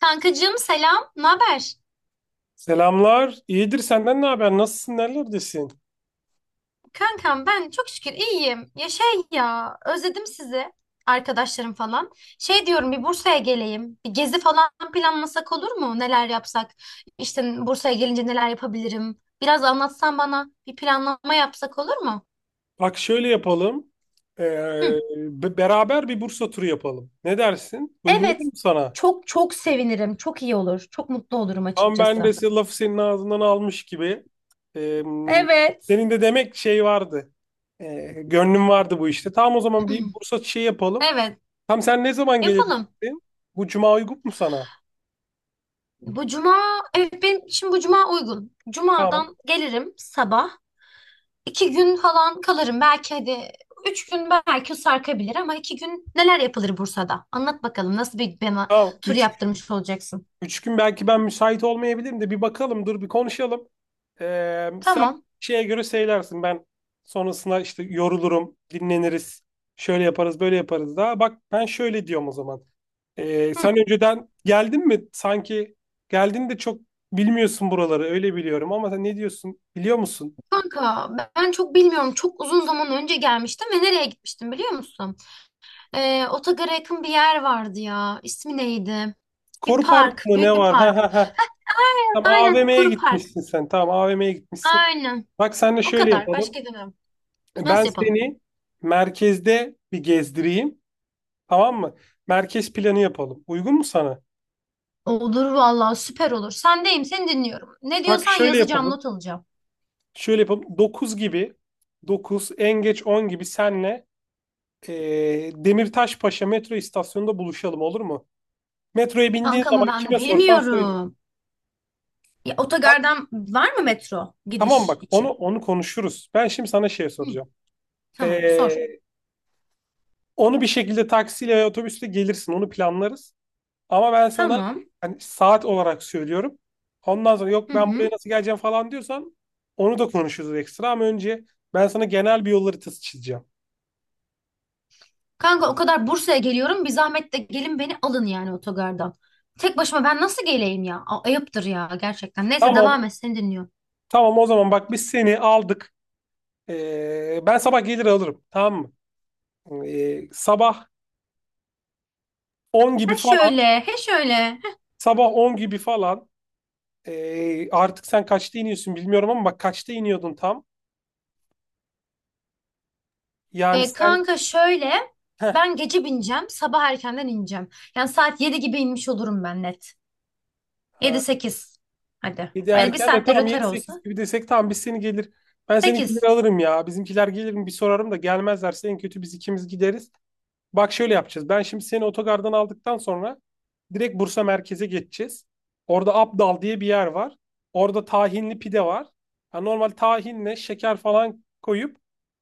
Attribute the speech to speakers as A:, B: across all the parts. A: Kankacığım selam, ne haber?
B: Selamlar. İyidir, senden ne haber? Nasılsın? Nerelerdesin?
A: Kankam ben çok şükür iyiyim. Ya şey ya, özledim sizi, arkadaşlarım falan. Şey diyorum bir Bursa'ya geleyim. Bir gezi falan planlasak olur mu? Neler yapsak? İşte Bursa'ya gelince neler yapabilirim? Biraz anlatsan bana, bir planlama yapsak olur mu?
B: Bak şöyle yapalım. Ee,
A: Hı.
B: beraber bir Bursa turu yapalım. Ne dersin? Uygun
A: Evet,
B: olur mu sana?
A: çok çok sevinirim. Çok iyi olur. Çok mutlu olurum
B: Ama ben de
A: açıkçası.
B: lafı senin ağzından almış gibi. Ee,
A: Evet.
B: senin de demek şey vardı. Gönlün vardı bu işte. Tamam, o zaman bir Bursa şey yapalım.
A: Evet,
B: Tam sen ne zaman
A: yapalım.
B: gelebilirsin? Bu cuma uygun mu sana?
A: Bu cuma, evet benim şimdi bu cuma uygun.
B: Tamam.
A: Cumadan gelirim sabah. 2 gün falan kalırım. Belki hadi 3 gün belki sarkabilir ama 2 gün neler yapılır Bursa'da? Anlat bakalım nasıl bir bana
B: Tamam.
A: tur yaptırmış olacaksın.
B: Üç gün belki ben müsait olmayabilirim de bir bakalım, dur bir konuşalım. Sen
A: Tamam.
B: şeye göre söylersin, ben sonrasında işte yorulurum, dinleniriz, şöyle yaparız, böyle yaparız daha. Bak, ben şöyle diyorum o zaman. Ee,
A: Hı.
B: sen önceden geldin mi? Sanki geldin de çok bilmiyorsun buraları öyle biliyorum, ama sen ne diyorsun biliyor musun?
A: Kanka ben çok bilmiyorum. Çok uzun zaman önce gelmiştim ve nereye gitmiştim biliyor musun? Otogar'a yakın bir yer vardı ya. İsmi neydi? Bir
B: Koru Park
A: park.
B: mı
A: Büyük
B: ne
A: bir
B: var? Ha
A: park.
B: ha ha. Tamam,
A: Aynen.
B: AVM'ye
A: Koru Park.
B: gitmişsin sen. Tamam, AVM'ye gitmişsin.
A: Aynen.
B: Bak senle
A: O
B: şöyle
A: kadar.
B: yapalım.
A: Başka demem. Nasıl
B: Ben
A: yapalım?
B: seni merkezde bir gezdireyim. Tamam mı? Merkez planı yapalım. Uygun mu sana?
A: Olur vallahi süper olur. Sendeyim. Seni dinliyorum. Ne
B: Bak
A: diyorsan
B: şöyle
A: yazacağım,
B: yapalım.
A: not alacağım.
B: Şöyle yapalım. 9 gibi, 9 en geç 10 gibi senle Demirtaşpaşa metro istasyonunda buluşalım olur mu? Metroya bindiğin
A: Kanka mı
B: zaman
A: ben
B: kime sorsan söyle.
A: bilmiyorum. Ya,
B: Ta-
A: otogardan var mı metro
B: Tamam
A: gidiş
B: bak, onu
A: için?
B: onu konuşuruz. Ben şimdi sana şey
A: Hı,
B: soracağım.
A: tamam sor.
B: Eee, onu bir şekilde taksiyle veya otobüsle gelirsin. Onu planlarız. Ama ben sana
A: Tamam.
B: hani saat olarak söylüyorum. Ondan sonra
A: Hı
B: yok ben
A: hı.
B: buraya nasıl geleceğim falan diyorsan, onu da konuşuruz ekstra, ama önce ben sana genel bir yol haritası çizeceğim.
A: Kanka o kadar Bursa'ya geliyorum. Bir zahmet de gelin beni alın yani otogardan. Tek başıma ben nasıl geleyim ya? Ayıptır ya gerçekten. Neyse
B: Tamam.
A: devam et seni dinliyorum.
B: Tamam, o zaman bak, biz seni aldık. Ben sabah gelir alırım. Tamam mı? Sabah 10 gibi
A: Ha
B: falan.
A: şöyle, he şöyle. Heh.
B: Sabah 10 gibi falan. Artık sen kaçta iniyorsun bilmiyorum, ama bak, kaçta iniyordun tam. Yani sen
A: Kanka şöyle.
B: heh,
A: Ben gece bineceğim. Sabah erkenden ineceğim. Yani saat 7 gibi inmiş olurum ben net. Yedi
B: e,
A: sekiz. Hadi.
B: 7
A: Öyle bir
B: erken de,
A: saatte
B: tam
A: rötar olsa.
B: 7-8 gibi desek, tamam biz seni gelir. Ben seni gelir
A: 8.
B: alırım ya. Bizimkiler gelir mi bir sorarım, da gelmezlerse en kötü biz ikimiz gideriz. Bak şöyle yapacağız. Ben şimdi seni otogardan aldıktan sonra direkt Bursa merkeze geçeceğiz. Orada Abdal diye bir yer var. Orada tahinli pide var. Ha, normal tahinle şeker falan koyup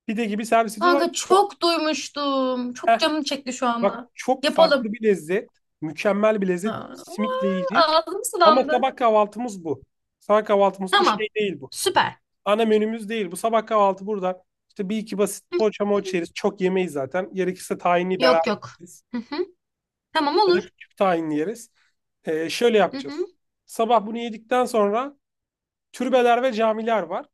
B: pide gibi servis ediyorlar.
A: Kanka çok duymuştum. Çok
B: Heh,
A: canım çekti şu
B: bak,
A: anda.
B: çok
A: Yapalım.
B: farklı bir lezzet. Mükemmel bir lezzet.
A: Ha,
B: Simitle yiyeceğiz.
A: ağzım
B: Ama
A: sulandı.
B: sabah kahvaltımız bu. Sabah kahvaltımız bu, şey
A: Tamam.
B: değil bu,
A: Süper.
B: ana menümüz değil. Bu sabah kahvaltı burada. İşte bir iki basit
A: Hı
B: poğaça
A: hı.
B: moğaça yeriz. Çok yemeyiz zaten. Gerekirse tahinli beraber
A: Yok yok.
B: yeriz.
A: Hı hı. Tamam
B: Ya da
A: olur.
B: küçük tahinli yeriz. Şöyle
A: Hı
B: yapacağız.
A: hı.
B: Sabah bunu yedikten sonra türbeler ve camiler var.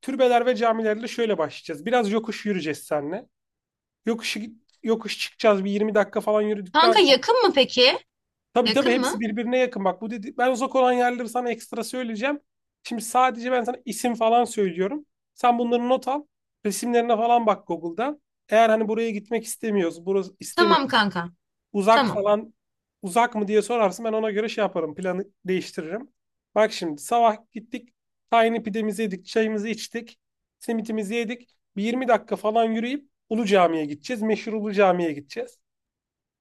B: Türbeler ve camilerle şöyle başlayacağız. Biraz yokuş yürüyeceğiz seninle. Yokuş, yokuş çıkacağız. Bir 20 dakika falan yürüdükten...
A: Kanka yakın mı peki?
B: Tabii tabii,
A: Yakın
B: hepsi
A: mı?
B: birbirine yakın. Bak, bu dedi, ben uzak olan yerleri sana ekstra söyleyeceğim. Şimdi sadece ben sana isim falan söylüyorum. Sen bunları not al. Resimlerine falan bak Google'da. Eğer hani buraya gitmek istemiyoruz, burası istemiyor.
A: Tamam kanka.
B: Uzak
A: Tamam.
B: falan, uzak mı diye sorarsın, ben ona göre şey yaparım. Planı değiştiririm. Bak şimdi sabah gittik. Tiny pidemizi yedik, çayımızı içtik. Simitimizi yedik. Bir 20 dakika falan yürüyüp Ulu Cami'ye gideceğiz. Meşhur Ulu Cami'ye gideceğiz.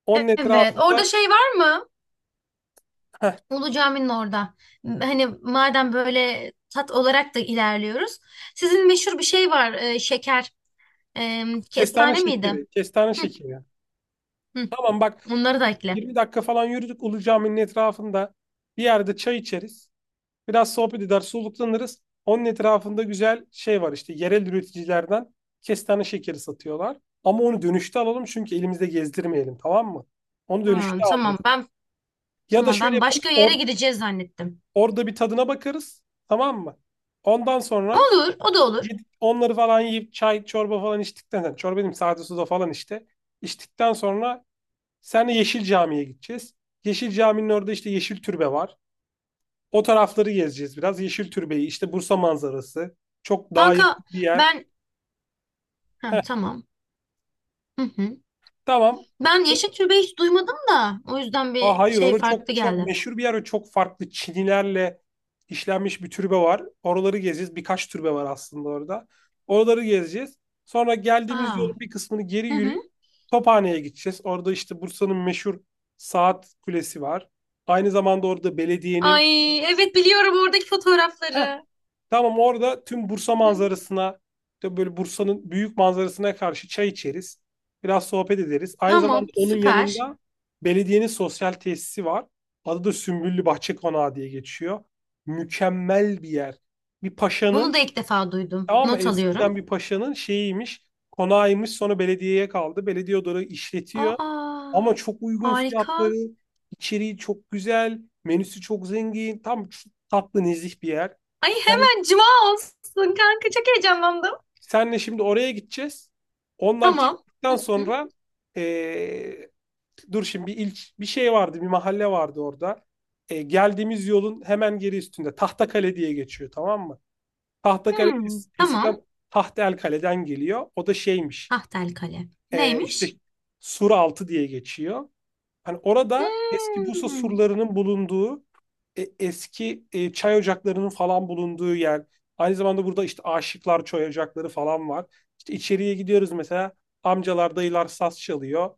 B: Onun
A: Evet. Orada
B: etrafında
A: şey var mı? Ulu Cami'nin orada. Hani madem böyle tat olarak da ilerliyoruz. Sizin meşhur bir şey var. Şeker. E,
B: kestane
A: Kestane miydi?
B: şekeri, kestane
A: Hı
B: şekeri.
A: hı.
B: Tamam bak,
A: Onları da ekle.
B: 20 dakika falan yürüdük Ulu Cami'nin etrafında. Bir yerde çay içeriz. Biraz sohbet eder, soluklanırız. Onun etrafında güzel şey var, işte yerel üreticilerden kestane şekeri satıyorlar. Ama onu dönüşte alalım, çünkü elimizde gezdirmeyelim, tamam mı? Onu
A: Ha,
B: dönüşte
A: tamam.
B: alacağız. Ya da
A: Tamam
B: şöyle
A: ben
B: yaparız,
A: başka yere gideceğiz zannettim.
B: orada bir tadına bakarız, tamam mı? Ondan sonra
A: Olur, o da olur.
B: gidip onları falan yiyip çay çorba falan içtikten sonra, çorba dedim sade suda falan işte. İçtikten sonra senle Yeşil Cami'ye gideceğiz. Yeşil Cami'nin orada işte Yeşil Türbe var. O tarafları gezeceğiz biraz. Yeşil Türbe'yi, işte Bursa manzarası. Çok daha
A: Kanka
B: yakın bir yer.
A: ben ha
B: Heh,
A: tamam. Hı hı.
B: tamam.
A: Ben yeşil türbe hiç duymadım da o yüzden
B: Aa,
A: bir
B: hayır,
A: şey
B: orada
A: farklı
B: çok çok
A: geldi.
B: meşhur bir yer ve çok farklı çinilerle işlenmiş bir türbe var. Oraları gezeceğiz. Birkaç türbe var aslında orada. Oraları gezeceğiz. Sonra geldiğimiz yolun
A: Aa.
B: bir kısmını geri
A: Hı hı.
B: yürüyüp Tophane'ye gideceğiz. Orada işte Bursa'nın meşhur saat kulesi var. Aynı zamanda orada belediyenin...
A: Ay evet biliyorum oradaki
B: Heh,
A: fotoğrafları.
B: Tamam, orada tüm Bursa
A: Hı.
B: manzarasına, işte böyle Bursa'nın büyük manzarasına karşı çay içeriz. Biraz sohbet ederiz. Aynı zamanda
A: Tamam,
B: onun
A: süper.
B: yanında belediyenin sosyal tesisi var. Adı da Sümbüllü Bahçe Konağı diye geçiyor. Mükemmel bir yer. Bir
A: Bunu da
B: paşanın,
A: ilk defa duydum.
B: tamam mı?
A: Not alıyorum.
B: Eskiden bir paşanın şeyiymiş, konağıymış. Sonra belediyeye kaldı. Belediye odaları işletiyor.
A: Aa.
B: Ama çok uygun
A: Harika.
B: fiyatları, içeriği çok güzel, menüsü çok zengin. Tam tatlı, nezih bir yer.
A: Ay
B: Sen
A: hemen cuma olsun kanka çok heyecanlandım.
B: Senle şimdi oraya gideceğiz. Ondan
A: Tamam.
B: çıktıktan
A: Hı hı.
B: sonra eee, dur şimdi, bir şey vardı, bir mahalle vardı orada. Geldiğimiz yolun hemen geri üstünde Tahtakale diye geçiyor, tamam mı? Tahtakale
A: Hmm, tamam.
B: eskiden Tahtelkale'den geliyor. O da şeymiş.
A: Tahtel Kale.
B: İşte
A: Neymiş?
B: Suraltı diye geçiyor. Hani orada eski Bursa
A: Hmm.
B: surlarının bulunduğu, eski, çay ocaklarının falan bulunduğu yer. Aynı zamanda burada işte aşıklar çay ocakları falan var. İşte içeriye gidiyoruz mesela, amcalar, dayılar saz çalıyor,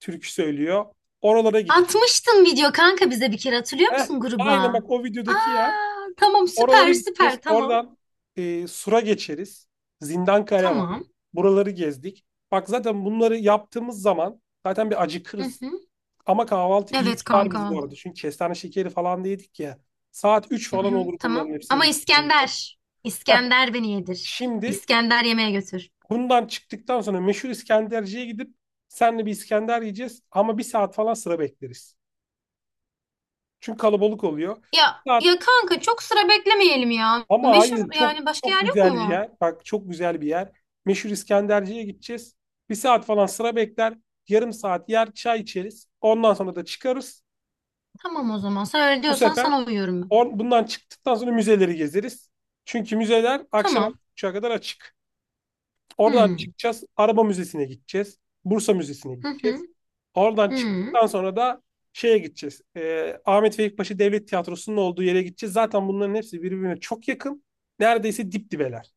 B: türkü söylüyor. Oralara gideceğiz.
A: Atmıştın video kanka bize bir kere hatırlıyor
B: Heh,
A: musun
B: aynen
A: gruba?
B: bak, o
A: Aa,
B: videodaki yer.
A: tamam
B: Oralara
A: süper
B: gideceğiz.
A: süper tamam.
B: Oradan sura geçeriz. Zindankale var.
A: Tamam.
B: Buraları gezdik. Bak, zaten bunları yaptığımız zaman zaten bir
A: Hı
B: acıkırız.
A: hı.
B: Ama kahvaltı iyi
A: Evet
B: tutar bizi
A: kanka.
B: bu arada. Çünkü kestane şekeri falan da yedik ya. Saat 3
A: Hı
B: falan
A: hı,
B: olur
A: tamam.
B: bunların hepsini
A: Ama
B: bitirdiğimizde.
A: İskender.
B: Heh,
A: İskender beni yedir.
B: Şimdi
A: İskender yemeğe götür.
B: bundan çıktıktan sonra meşhur İskenderci'ye gidip senle bir İskender yiyeceğiz. Ama bir saat falan sıra bekleriz. Çünkü kalabalık oluyor. Bir
A: Ya
B: saat,
A: ya kanka çok sıra beklemeyelim ya.
B: ama
A: Meşhur
B: hayır, çok
A: yani başka
B: çok
A: yer yok
B: güzel bir
A: mu?
B: yer. Bak çok güzel bir yer. Meşhur İskenderci'ye gideceğiz. Bir saat falan sıra bekler. Yarım saat yer, çay içeriz. Ondan sonra da çıkarız.
A: Tamam o zaman. Sen öyle
B: Bu
A: diyorsan
B: sefer
A: sana uyuyorum ben.
B: Bundan çıktıktan sonra müzeleri gezeriz. Çünkü müzeler akşam
A: Tamam.
B: 6.30'a kadar açık. Oradan
A: Hmm.
B: çıkacağız. Araba Müzesi'ne gideceğiz. Bursa Müzesi'ne
A: Hı hı.
B: gideceğiz. Oradan
A: Hmm.
B: çıktıktan sonra da şeye gideceğiz. Ahmet Vefik Paşa Devlet Tiyatrosu'nun olduğu yere gideceğiz. Zaten bunların hepsi birbirine çok yakın. Neredeyse dip dibeler.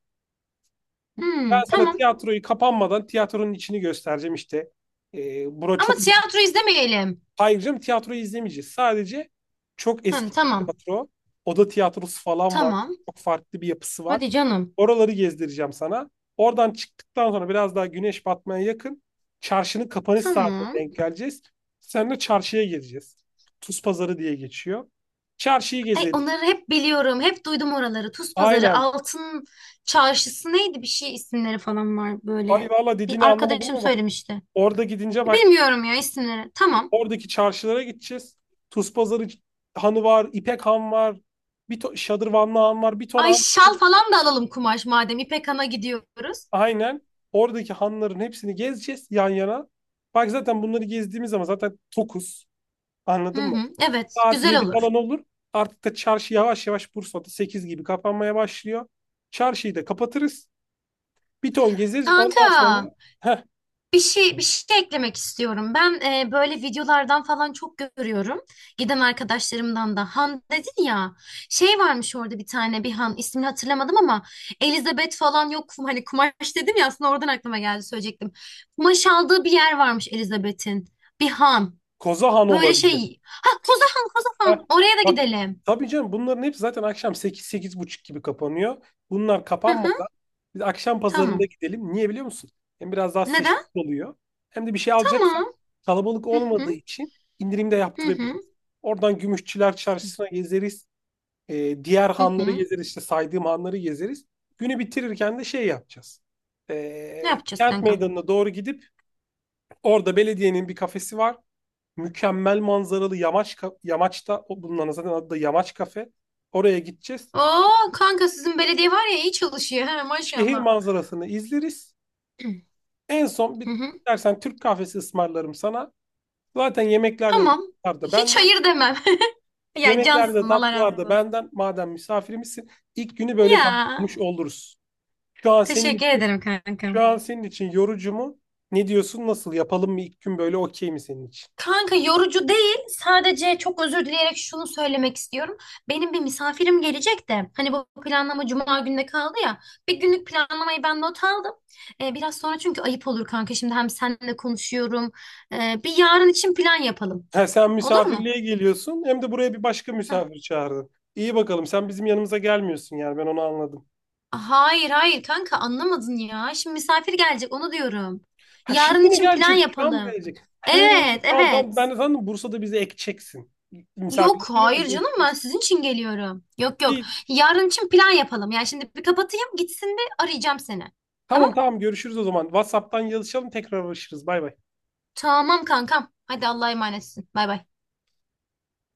B: Ben
A: Hmm.
B: sana
A: Tamam.
B: tiyatroyu kapanmadan tiyatronun içini göstereceğim işte. Bura
A: Ama
B: çok
A: tiyatro izlemeyelim.
B: Ayrıca tiyatroyu izlemeyeceğiz. Sadece çok
A: Hı,
B: eski bir
A: tamam.
B: tiyatro. Oda tiyatrosu falan var.
A: Tamam.
B: Çok farklı bir yapısı var.
A: Hadi canım.
B: Oraları gezdireceğim sana. Oradan çıktıktan sonra biraz daha güneş batmaya yakın çarşının kapanış saatine
A: Tamam.
B: denk geleceğiz. Seninle çarşıya gezeceğiz. Tuz pazarı diye geçiyor. Çarşıyı
A: Ay
B: gezeriz.
A: onları hep biliyorum. Hep duydum oraları. Tuz Pazarı,
B: Aynen.
A: Altın Çarşısı neydi bir şey isimleri falan var
B: Ay
A: böyle.
B: valla,
A: Bir
B: dediğini anlamadım,
A: arkadaşım
B: ama
A: söylemişti.
B: orada gidince bak,
A: Bilmiyorum ya isimleri. Tamam.
B: oradaki çarşılara gideceğiz. Tuz pazarı hanı var, İpek han var, Şadırvanlı han var, bir ton
A: Ay
B: han.
A: şal falan da alalım kumaş madem İpek Han'a gidiyoruz.
B: Aynen, oradaki hanların hepsini gezeceğiz yan yana. Bak, zaten bunları gezdiğimiz zaman zaten tokuz.
A: Hı
B: Anladın mı?
A: hı. Evet,
B: Saat
A: güzel
B: 7
A: olur.
B: falan olur. Artık da çarşı yavaş yavaş Bursa'da 8 gibi kapanmaya başlıyor. Çarşıyı da kapatırız. Bir ton gezeriz. Ondan
A: Kanka.
B: sonra, heh,
A: Bir şey eklemek istiyorum. Ben böyle videolardan falan çok görüyorum. Giden arkadaşlarımdan da Han dedin ya. Şey varmış orada bir tane bir Han ismini hatırlamadım ama Elizabeth falan yok. Hani kumaş dedim ya aslında oradan aklıma geldi söyleyecektim. Kumaş aldığı bir yer varmış Elizabeth'in. Bir Han.
B: Koza Han
A: Böyle
B: olabilir.
A: şey. Ha Koza Han Koza
B: Heh,
A: Han. Oraya da
B: Bak,
A: gidelim.
B: tabii canım, bunların hepsi zaten akşam 8 buçuk gibi kapanıyor. Bunlar
A: Hı hı.
B: kapanmadan biz akşam pazarında
A: Tamam.
B: gidelim. Niye biliyor musun? Hem biraz daha
A: Neden?
B: seçtik oluyor. Hem de bir şey alacaksak
A: Tamam.
B: kalabalık
A: Hı
B: olmadığı
A: hı.
B: için indirimde
A: Hı hı.
B: yaptırabiliriz. Oradan Gümüşçüler Çarşısı'na gezeriz. Diğer
A: Hı
B: hanları
A: hı.
B: gezeriz. İşte saydığım hanları gezeriz. Günü bitirirken de şey yapacağız.
A: Ne
B: Ee,
A: yapacağız
B: Kent
A: kanka?
B: Meydanı'na doğru gidip orada belediyenin bir kafesi var. Mükemmel manzaralı, yamaçta bulunan, zaten adı da Yamaç Kafe. Oraya gideceğiz.
A: Oo kanka sizin belediye var ya iyi çalışıyor. He
B: Şehir
A: maşallah.
B: manzarasını izleriz. En son
A: Hı
B: bir
A: hı.
B: dersen Türk kahvesi ısmarlarım sana. Zaten yemekler de
A: Tamam.
B: tatlılar da
A: Hiç
B: benden.
A: hayır demem. Ya
B: Yemekler de
A: cansın Allah razı
B: tatlılar da
A: olsun.
B: benden. Madem misafirimizsin, ilk günü böyle
A: Ya
B: tamamlamış oluruz. Şu an senin
A: teşekkür
B: için
A: ederim
B: Şu
A: kankam.
B: an senin için yorucu mu? Ne diyorsun? Nasıl yapalım mı? İlk gün böyle okey mi senin için?
A: Kanka yorucu değil. Sadece çok özür dileyerek şunu söylemek istiyorum. Benim bir misafirim gelecek de. Hani bu planlama cuma günde kaldı ya. Bir günlük planlamayı ben not aldım. Biraz sonra çünkü ayıp olur kanka. Şimdi hem seninle konuşuyorum. Bir yarın için plan yapalım.
B: Ha, sen
A: Olur mu?
B: misafirliğe geliyorsun hem de buraya bir başka misafir çağırdın. İyi bakalım, sen bizim yanımıza gelmiyorsun yani, ben onu anladım.
A: Hayır hayır kanka anlamadın ya. Şimdi misafir gelecek onu diyorum.
B: Ha,
A: Yarın
B: şimdi mi
A: için plan
B: gelecek? Şu an mı
A: yapalım.
B: gelecek? He,
A: Evet
B: tamam tamam, ben
A: evet.
B: de sandım Bursa'da bizi ekeceksin.
A: Yok
B: Misafirlikleri
A: hayır
B: bizi
A: canım ben
B: ekeceksin.
A: sizin için geliyorum. Yok yok.
B: İyi.
A: Yarın için plan yapalım. Yani şimdi bir kapatayım gitsin bir arayacağım seni.
B: Tamam
A: Tamam?
B: tamam, görüşürüz o zaman. WhatsApp'tan yazışalım, tekrar uğraşırız. Bay bay.
A: Tamam kankam. Hadi Allah'a emanetsin. Bay bay.